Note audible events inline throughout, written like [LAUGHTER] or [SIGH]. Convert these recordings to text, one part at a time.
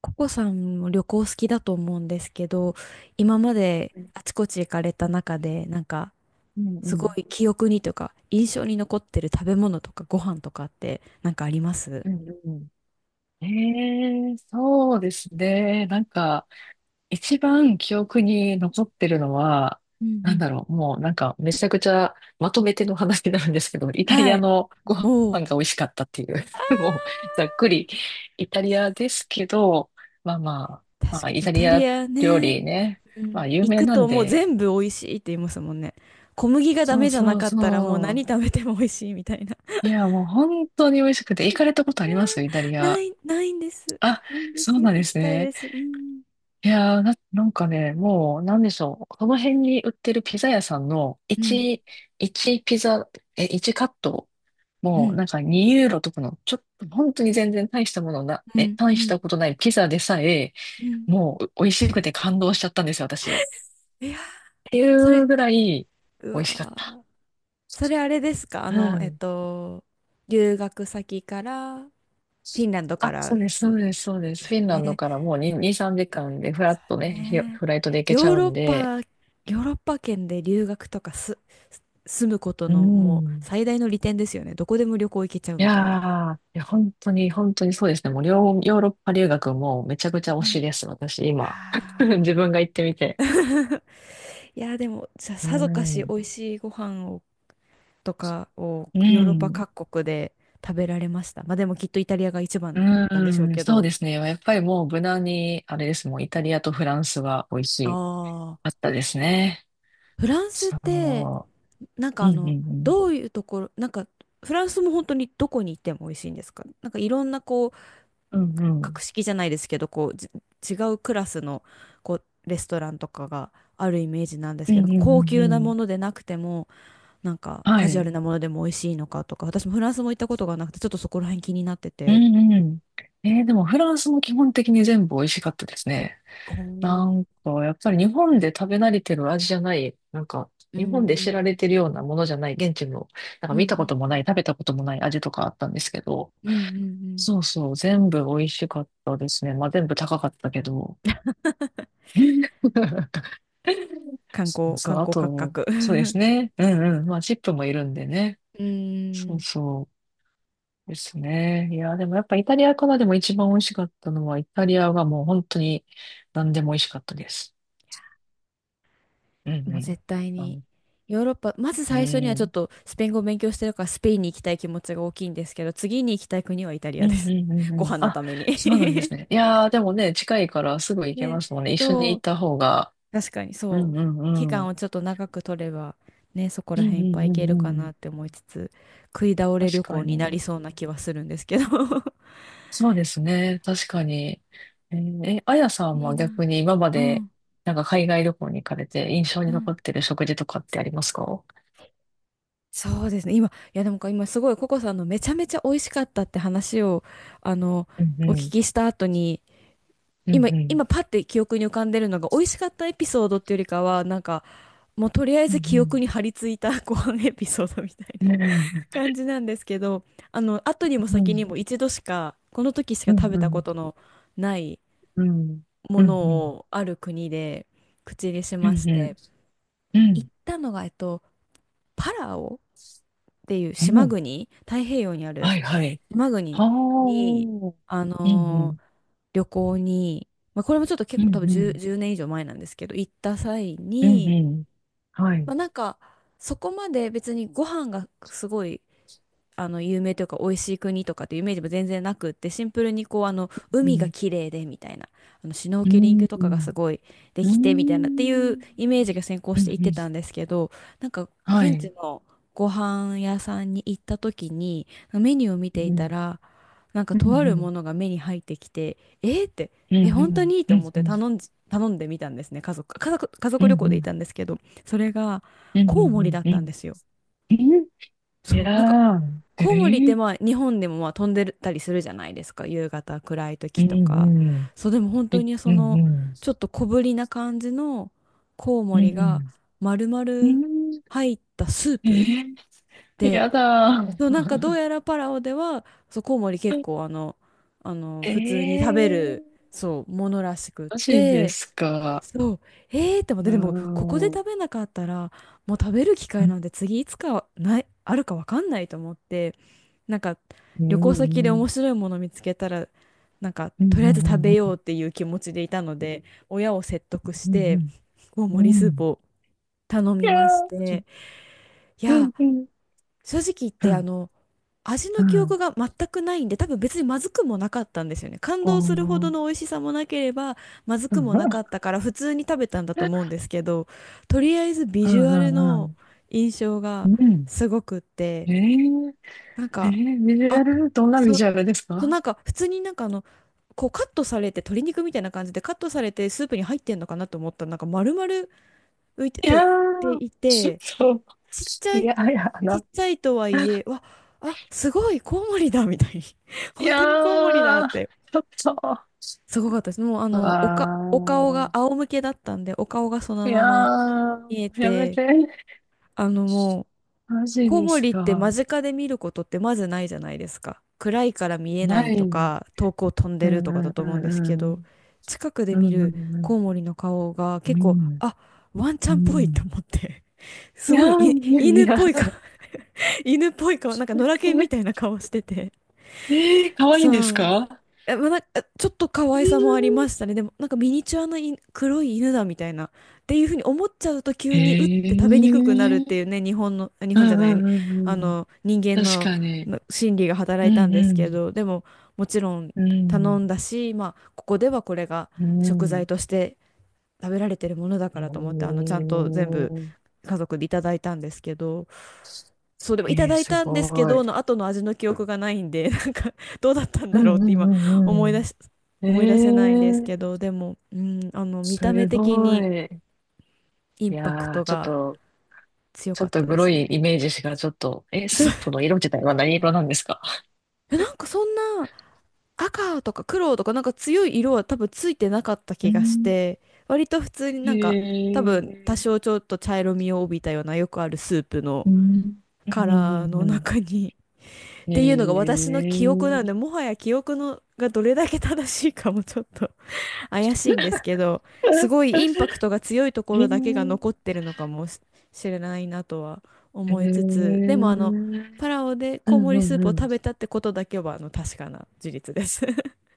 ココさんも旅行好きだと思うんですけど、今までうんあちこち行かれうたん。中で、なんかすごい記憶にというか印象に残ってる食べ物とかご飯とかってなんかあります？うんうん。ええ、そうですね。なんか、一番記憶に残ってるのは、うんうなんん。だろう、もうなんか、めちゃくちゃまとめての話になるんですけど、イタリはアい。のご飯おう。が美味しかったっていう、[LAUGHS] もう、あざっくり、イタリアですけど、まあまーあ、確まあ、かイイタリタリアア料ね。理ね、うまん。あ、有行名くなとんもうで、全部美味しいって言いますもんね。小麦がダそメうじゃそなうかったらもうそう。何食べても美味しいみたいな。いや、もう本当に美味しくて、行かれたことありますイタリ [LAUGHS] なア？い、ないんです。あ、ないんでそす。うなんで行きすたいね。です。うん。いやー、なんかね、もう、なんでしょう。この辺に売ってるピザ屋さんのうん。1、一ピザ、1カット、うもん。なんか2ユーロとかの、ちょっと、本当に全然うん。う大しんたことないピザでさえ、うん。もう、美味しくて感動しちゃったんですよ、私。っいや、ていそれ、うぐらい、う美味わしかった。ー、それあれですか？あうの、ん。留学先から、フィンランドかあ、らそうです、んそうです、そうでです。すフィンラよンドね。からもう2、2、3時間でフラそッとうね、ひね。フライトで行けちヨゃーうロッんで、パ、ヨーロッパ圏で留学とかす、す住むことうのもうん。最大の利点ですよね。どこでも旅行行けちゃういみたいな。やー、いや本当に、本当にそうですね。もう、両ヨーロッパ留学もめちゃくちゃ推うしん。です、私、今。[LAUGHS] ああ。自分が行ってみて。いや、でも、じゃあうさぞかしん。美味しいご飯をとかをうヨーロッパん。各国で食べられました。まあでもきっとイタリアが一番なんでしょううん。けそうど。ですね。やっぱりもう、無難に、あれです。もう、イタリアとフランスは美味しあい。あ、あったですね。フランスっそて、なんかう。うあんうの、んどういうところ、なんか、フランスも本当にどこに行っても美味しいんですか？なんかいろんなこう、うん。うんう格ん。式じゃないですけど、こう、じ違うクラスの、こう、レストランとかがあるイメージなんですうんうけど、んうなんか高ん級うなもん。のでなくても、なんかはカジュアい。ルなものでも美味しいのかとか、私もフランスも行ったことがなくて、ちょっとそこら辺気になってうて。んうん。でも、フランスも基本的に全部美味しかったですね。おなーんか、やっぱり日本で食べ慣れてる味じゃない、なんか、う日本でん、知られてるようなものじゃない、現地の、なんかうんう見たこともない、ん、食べたこともない味とかあったんですけど、うんうんうん。そうそう、全部美味しかったですね。まあ、全部高かったけど。[LAUGHS] 観そう光、そう、観あ光価と、格。そうです [LAUGHS] ね。うんうん。まあ、チップもいるんでね。うーそうん、そうですね。いや、でもやっぱイタリアからでも一番美味しかったのは、イタリアがもう本当に何でも美味しかったです。うんうもうん。絶対あに。のヨーロッパ、まずう最初にはちょっん。とスペイン語を勉強してるからスペインに行きたい気持ちが大きいんですけど、次に行きたい国はイタリうアでんす。うんうん [LAUGHS] うごん。飯のあ、ために そうなんで [LAUGHS] すね。いやー、でもね、近いからすぐ行けまね、すもんね。一緒にそ行っう、た方が。確かにうんそう。うんう期ん。う間んをちょっと長く取れば、ね、そこうら辺んいうっぱい行けんうるかなん。って思いつつ、食い倒れ旅確か行になりに。そうな気はするんですけど。 そうですね。確かに。あやさ [LAUGHS] んいいは逆な。に今まうで、ん、なんか海外旅行に行かれて印象うにん。残ってる食事とかってありますか？そうですね。今、いやでもか今すごいココさんのめちゃめちゃ美味しかったって話を、あの、うんうお聞ん。きした後に、うん今、うん。今パッて記憶に浮かんでるのが美味しかったエピソードっていうよりかは、なんか、もうとりあえうず記憶んに張り付いた [LAUGHS] ご飯エピソードみたいうな ん。[LAUGHS] 感じなんですけど、あの、後にもうんう先ん。にも一度しか、この時しかう食んべうたこん。とのないうんうん。もうんのうん。をある国で口にしうましんうて、ん。う行んったのが、パラオっていうう島ん国、太平洋にあるはいはい。島国はあ、うに、んあうのん、ー旅行に、まあ、これもちょっとう結構ん多分うん、10、年以上前なんですけど、行った際うんに、うん、はい、まあ、なんか、そこまで別にご飯がすごいあの有名というか美味しい国とかっていうイメージも全然なくって、シンプルにこうあのう海がん、綺麗でみたいな、あのシュノーうケリンん、グうとかがすん、ごいでうきてみたいなっていうん、イメージが先行うしん、ていってたんですけど、なんかは現地い、のご飯屋さんに行った時にメニューを見うていたん、ら、なんかうん、とあるうもん、のが目に入ってきて、えーって、うん、えう本当ん、にと思っうてん、頼んでみたんですね。家うん、族旅行うん、うで行っん、たんですけど、それがうん、コうウモリだん、っうたんでん、すよ。そいう、なんかやー、えコウモリってー、まあ日本でもまあ飛んでたりするじゃないですか、夕方暗いう時ん、うとか。ん、そうでも本当えにうそん、のうん、ちょっと小ぶりな感じのコウうモリがん、丸う々ん入ったスープえー、で、やだそうなんかどうやらパラオではそうコウモリ結構あの、あのー。え普通に食べるー、そうものらしくっマジでて。すか。そう。えーって思って、ーでも、ここでう食べなかったら、もう食べる機会んなんて次いつかない、あるかわかんないと思って、なんか、う旅行先で面ん白いもの見つけたら、なんか、うんとりうあえずん食うべようっんていう気持ちでいたので、親を説得しうんうて、ん大う盛んりうスープんを頼いみやましーそて、いうんや、うん正直言っうて、あんの、味うの記憶んが全くないんで、多分別にまずくもなかったんですよね。感お動するほどのー美味しさもなければ、まずうくんもなかったから、普通に食べたんだと思うんですけど、とりあえずビうジュアルんうのん印象うがんうんすごくって、えーなんえか、ービジュアあ、ルどんなビそ、ジュアルですそうか？なんか、普通になんかあの、こうカットされて鶏肉みたいな感じでカットされてスープに入ってんのかなと思ったらなんか丸々浮いていて、っやてーいちて、ょっと、ちっちゃいい、やいやちっな。ちゃいとはいえ、わ、あ、すごい、コウモリだ、みたいに。[LAUGHS] い本当にコウモリだやーって。ちょっと、すごかったです。もう、ああの、おか、お顔がー仰向けだったんで、お顔がそいのまやま見えーやめて、て。あの、もう、マジコウでモすリって間か。近で見ることってまずないじゃないですか。暗いから見えなないいとねか、遠くを飛んうでるんとかだうんとう思うんですけんうど、ん。近くでう見んうるんうコん。ウモリの顔がう結構、んあ、ワンちうゃんっぽいとん。思って。いすやごい、い、ー、犬いっやぽい顔 [LAUGHS] 犬っぽい顔、なんか野良犬みたいな顔してて。えー、可愛いいんですそう。か？え、まあ、なんか、ちょっと可愛さもありましたね。でも、なんかミニチュアの犬、黒い犬だみたいな。っていうふうに思っちゃうとえ急にうって食べにくくなるってー、いうね、日本の、あ日う本じゃんない、うに、んうあんうん。の、人間確の、かに。の心理が働ういたんんですうけん。ど、でも、もちろんうん。頼んだし、まあ、ここではこれがう食材ん。として食べられてるものだえからと思って、あの、ちゃんと全部ー、家族でいただいたんですけど、そうでもいたえー、だいすたんですけごい。どの後の味の記憶がないんで [LAUGHS] なんかどうだったんうだろうっんうて今んう思いん出しうん。え思い出せないんですー、けど、でもうんあの見た目す的ごにい。インいパクやー、トちょっがと、強ちょかっっとたでグロすいね。イメージしかちょっと、[LAUGHS] スそーう、プの色自体は何色なんですか？えなんかそんな赤とか黒とかなんか強い色は多分ついてなかったう気がしんて、割と普通にへなんか多分多えー少ちょっと茶色みを帯びたようなよくあるスープうのん。うんカラーうのんう中にっんへていうのがえ。私の記憶なので、もはや記憶のがどれだけ正しいかもちょっと [LAUGHS] 怪しいんですけど、すごいインパクトが強いとこへえ。へろだけが残っえ。てるのかもししれないなとは思いつつ、でもあの、パラオでうコウモんうリスーんプうを食ん。べたってことだけはあの確かな事実です。[LAUGHS]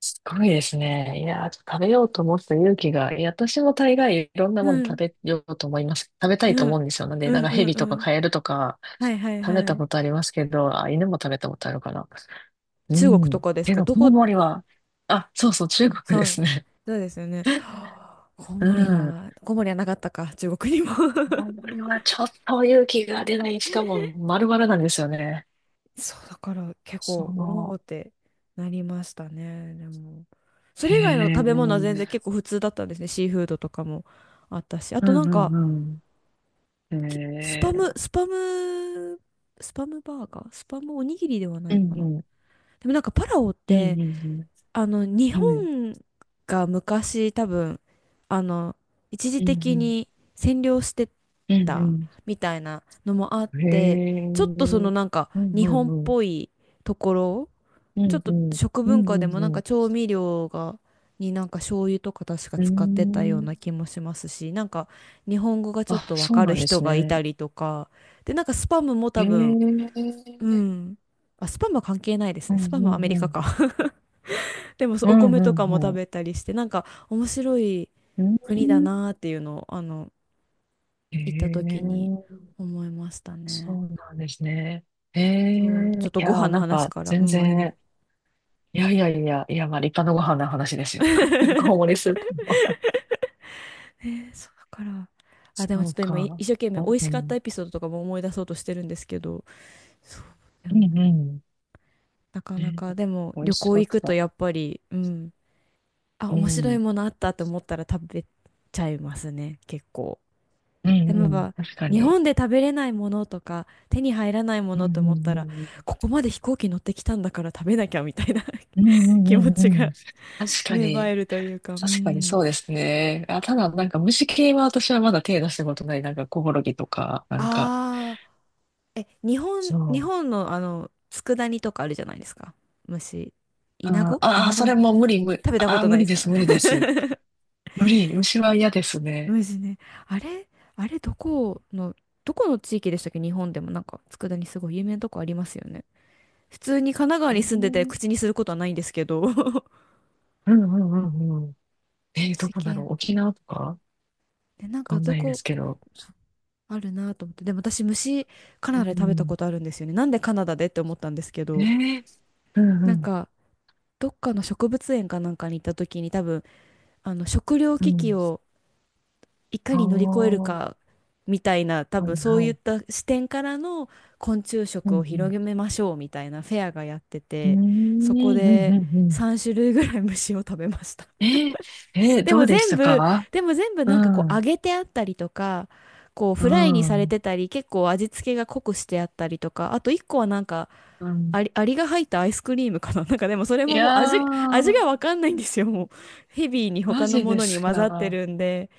すごいですね。いやー、食べようと思ってた勇気が、いや、私も大概いろんなうもの食ん、べようと思います。食べたいとうん、思うんですよ。なんで、うなんん、かうヘん、ビうとかん。カエルとかはいはい食べはたこい。とありますけど、あ、犬も食べたことあるかな。う中国ん。とかですけか、ど、どコウこ？モリは、あ、そうそう、中国そですう、ね。そうですよね。はあコウうモリん。は、コウモリはなかったか、中国にも。 コウ [LAUGHS] モリはちょっと勇気が出ない。しかも丸々なんですよね。そう、だから結構、そおおの、ってなりましたね。でも、そへれ以外の食べ物は全然え、結構普通だったんですね。シーフードとかもあったし。あうとなんんうか、んうん。きスへパム、え、スパム、スパムバーガー、スパムおにぎりではなういかんな。うん、でもなんかパラオっうて、んうんうん。日はい、うん本が昔多分、あの、一時う的ん、に占領してうんたうみたいなのもあっん。へて、ちょっとそのえ、なんかうん日うん本っうん、ぽいところ、うちょっんうとん、食う文化でんもうなんんかう調味料が、になんか醤油とか確かん。うー使ってたようなん。気もしますし、なんか日本語がちょっあ、とわそうかるなんで人すがいたね。りとかで、なんかスパムもへ多え、分、ううん、あ、スパムは関係ないですんね。うスパムはアメリんうカん、か。 [LAUGHS] でもそうう、おんう米とんかもう食ん。うべたりして、なんか面白いん国だなーっていうのを、へ行ったえ、時に思いましたそね。うなんですね。へえ、いそう、ちょっとごや飯ー、のなん話かから、う全ん、あれなんで然すけど、いやいやいや、いや、まあ立派なご飯の話ですよ。[LAUGHS] ごもりスープも。そうだから。あ、でもそちょっうと今、か。一生懸命う美ん。味うしかったんエピソードとかも思い出そうとしてるんですけど、そう、でうもん。なかなね、か、でも美味旅し行かっ行くとた。やっぱり、うん、あ、う面白いん。ものあったと思ったら食べちゃいますね、結構。うでんもやうっん。ぱ確か日に。本で食べれないものとか手に入らないもうんうのと思ったんうら、ん。ここまで飛行機乗ってきたんだから食べなきゃみたいな、 うんう [LAUGHS] ん気う持んちうがん。確か芽生えに。るというか、う確かにそん。うですね。あ、ただ、なんか虫系は私はまだ手出したことない。なんかコオロギとか、なんか、ああ。え、日本、そ日う。本の佃煮とかあるじゃないですか。虫。イナあゴイあー、ナそゴの、れも無理、無理。食べたこあーとな無いで理すでか？ す、無理で [LAUGHS] す。無理、虫は嫌ですね。虫ね。あれあれ、どこの地域でしたっけ。日本でもなんか、佃煮すごい有名なとこありますよね。普通に神奈川えに住んでてー、口にすることはないんですけど。[LAUGHS] うんうんうんうん。えー、ど虫こだろ系。う沖縄とかわで、なんかかんどないでこ、すけど。あるなと思って。でも私、虫、カうナダで食べたこん。とあるんですよね。なんでカナダでって思ったんですけえど、ー、うんうなんん。か、どっかの植物園かなんかに行った時に多分、あの食糧う危機ん。をいかああ、に乗り越えるはいかみたいな、多は分い。そういった視点からの昆虫うん食うを広ん。げましょうみたいなフェアがやってうーん、て、そこうん、うん、でうん。3種類ぐらい虫を食べました。 えー、え [LAUGHS] ー、でどもうでし全た部か？でも全部うなんかこう揚ん、げてあったりとか、こううフライにされん、てたり、結構味付けが濃くしてあったりとか、あと1個はなんかうん。アリが入ったアイスクリームかな。 [LAUGHS] なんかでもそれいももう、味やが、味がー、わかんないんですよ、もう。ヘビーにマ他のジもでのにす混ざってか。るんで。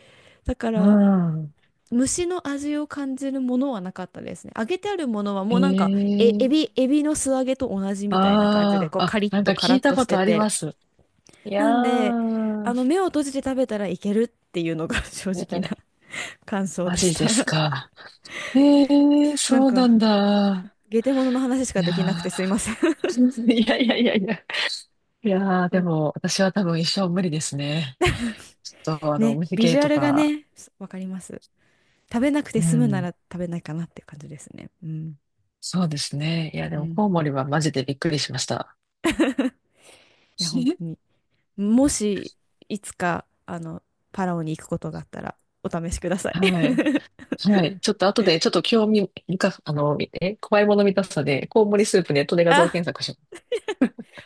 だかうらん。虫の味を感じるものはなかったですね。揚げてあるものはえもうなんか、ー、エビの素揚げと同じみたいな感じで、あこうあ、カあ、リッなんかとカ聞ラいッたとしこてとありまて、す。いなやんで、ー、目を閉じて食べたらいけるっていうのが、 [LAUGHS] 正え直ーな感想マでしジでた。 す [LAUGHS] か。えー、なんそうかなんだ。ゲテモノの話しいかやできなくてすいません。 ー、[LAUGHS] いやいやいやいや。いやー、[LAUGHS] うでん。も、私は多分一生無理ですね。ちょっと、あの、おね、店ビジ系ュアとルがか、ね、わかります。食べなくうて済むなん、ら食べないかなっていう感じですね、うん、そうですね。いや、でうも、ん。 コウモリはマジでびっくりしました。[LAUGHS] いや、本 [LAUGHS] 当に、もし、いつか、パラオに行くことがあったら、お試しください。はい。[LAUGHS] はい。ちょっと後で、ちょっと興味みかあの、怖いもの見たさで、コウモリスープネットで画像あ、検索し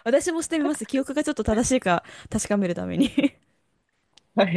私もしてみます。記憶がちょっと正しいか確かめるためにます。[LAUGHS] はい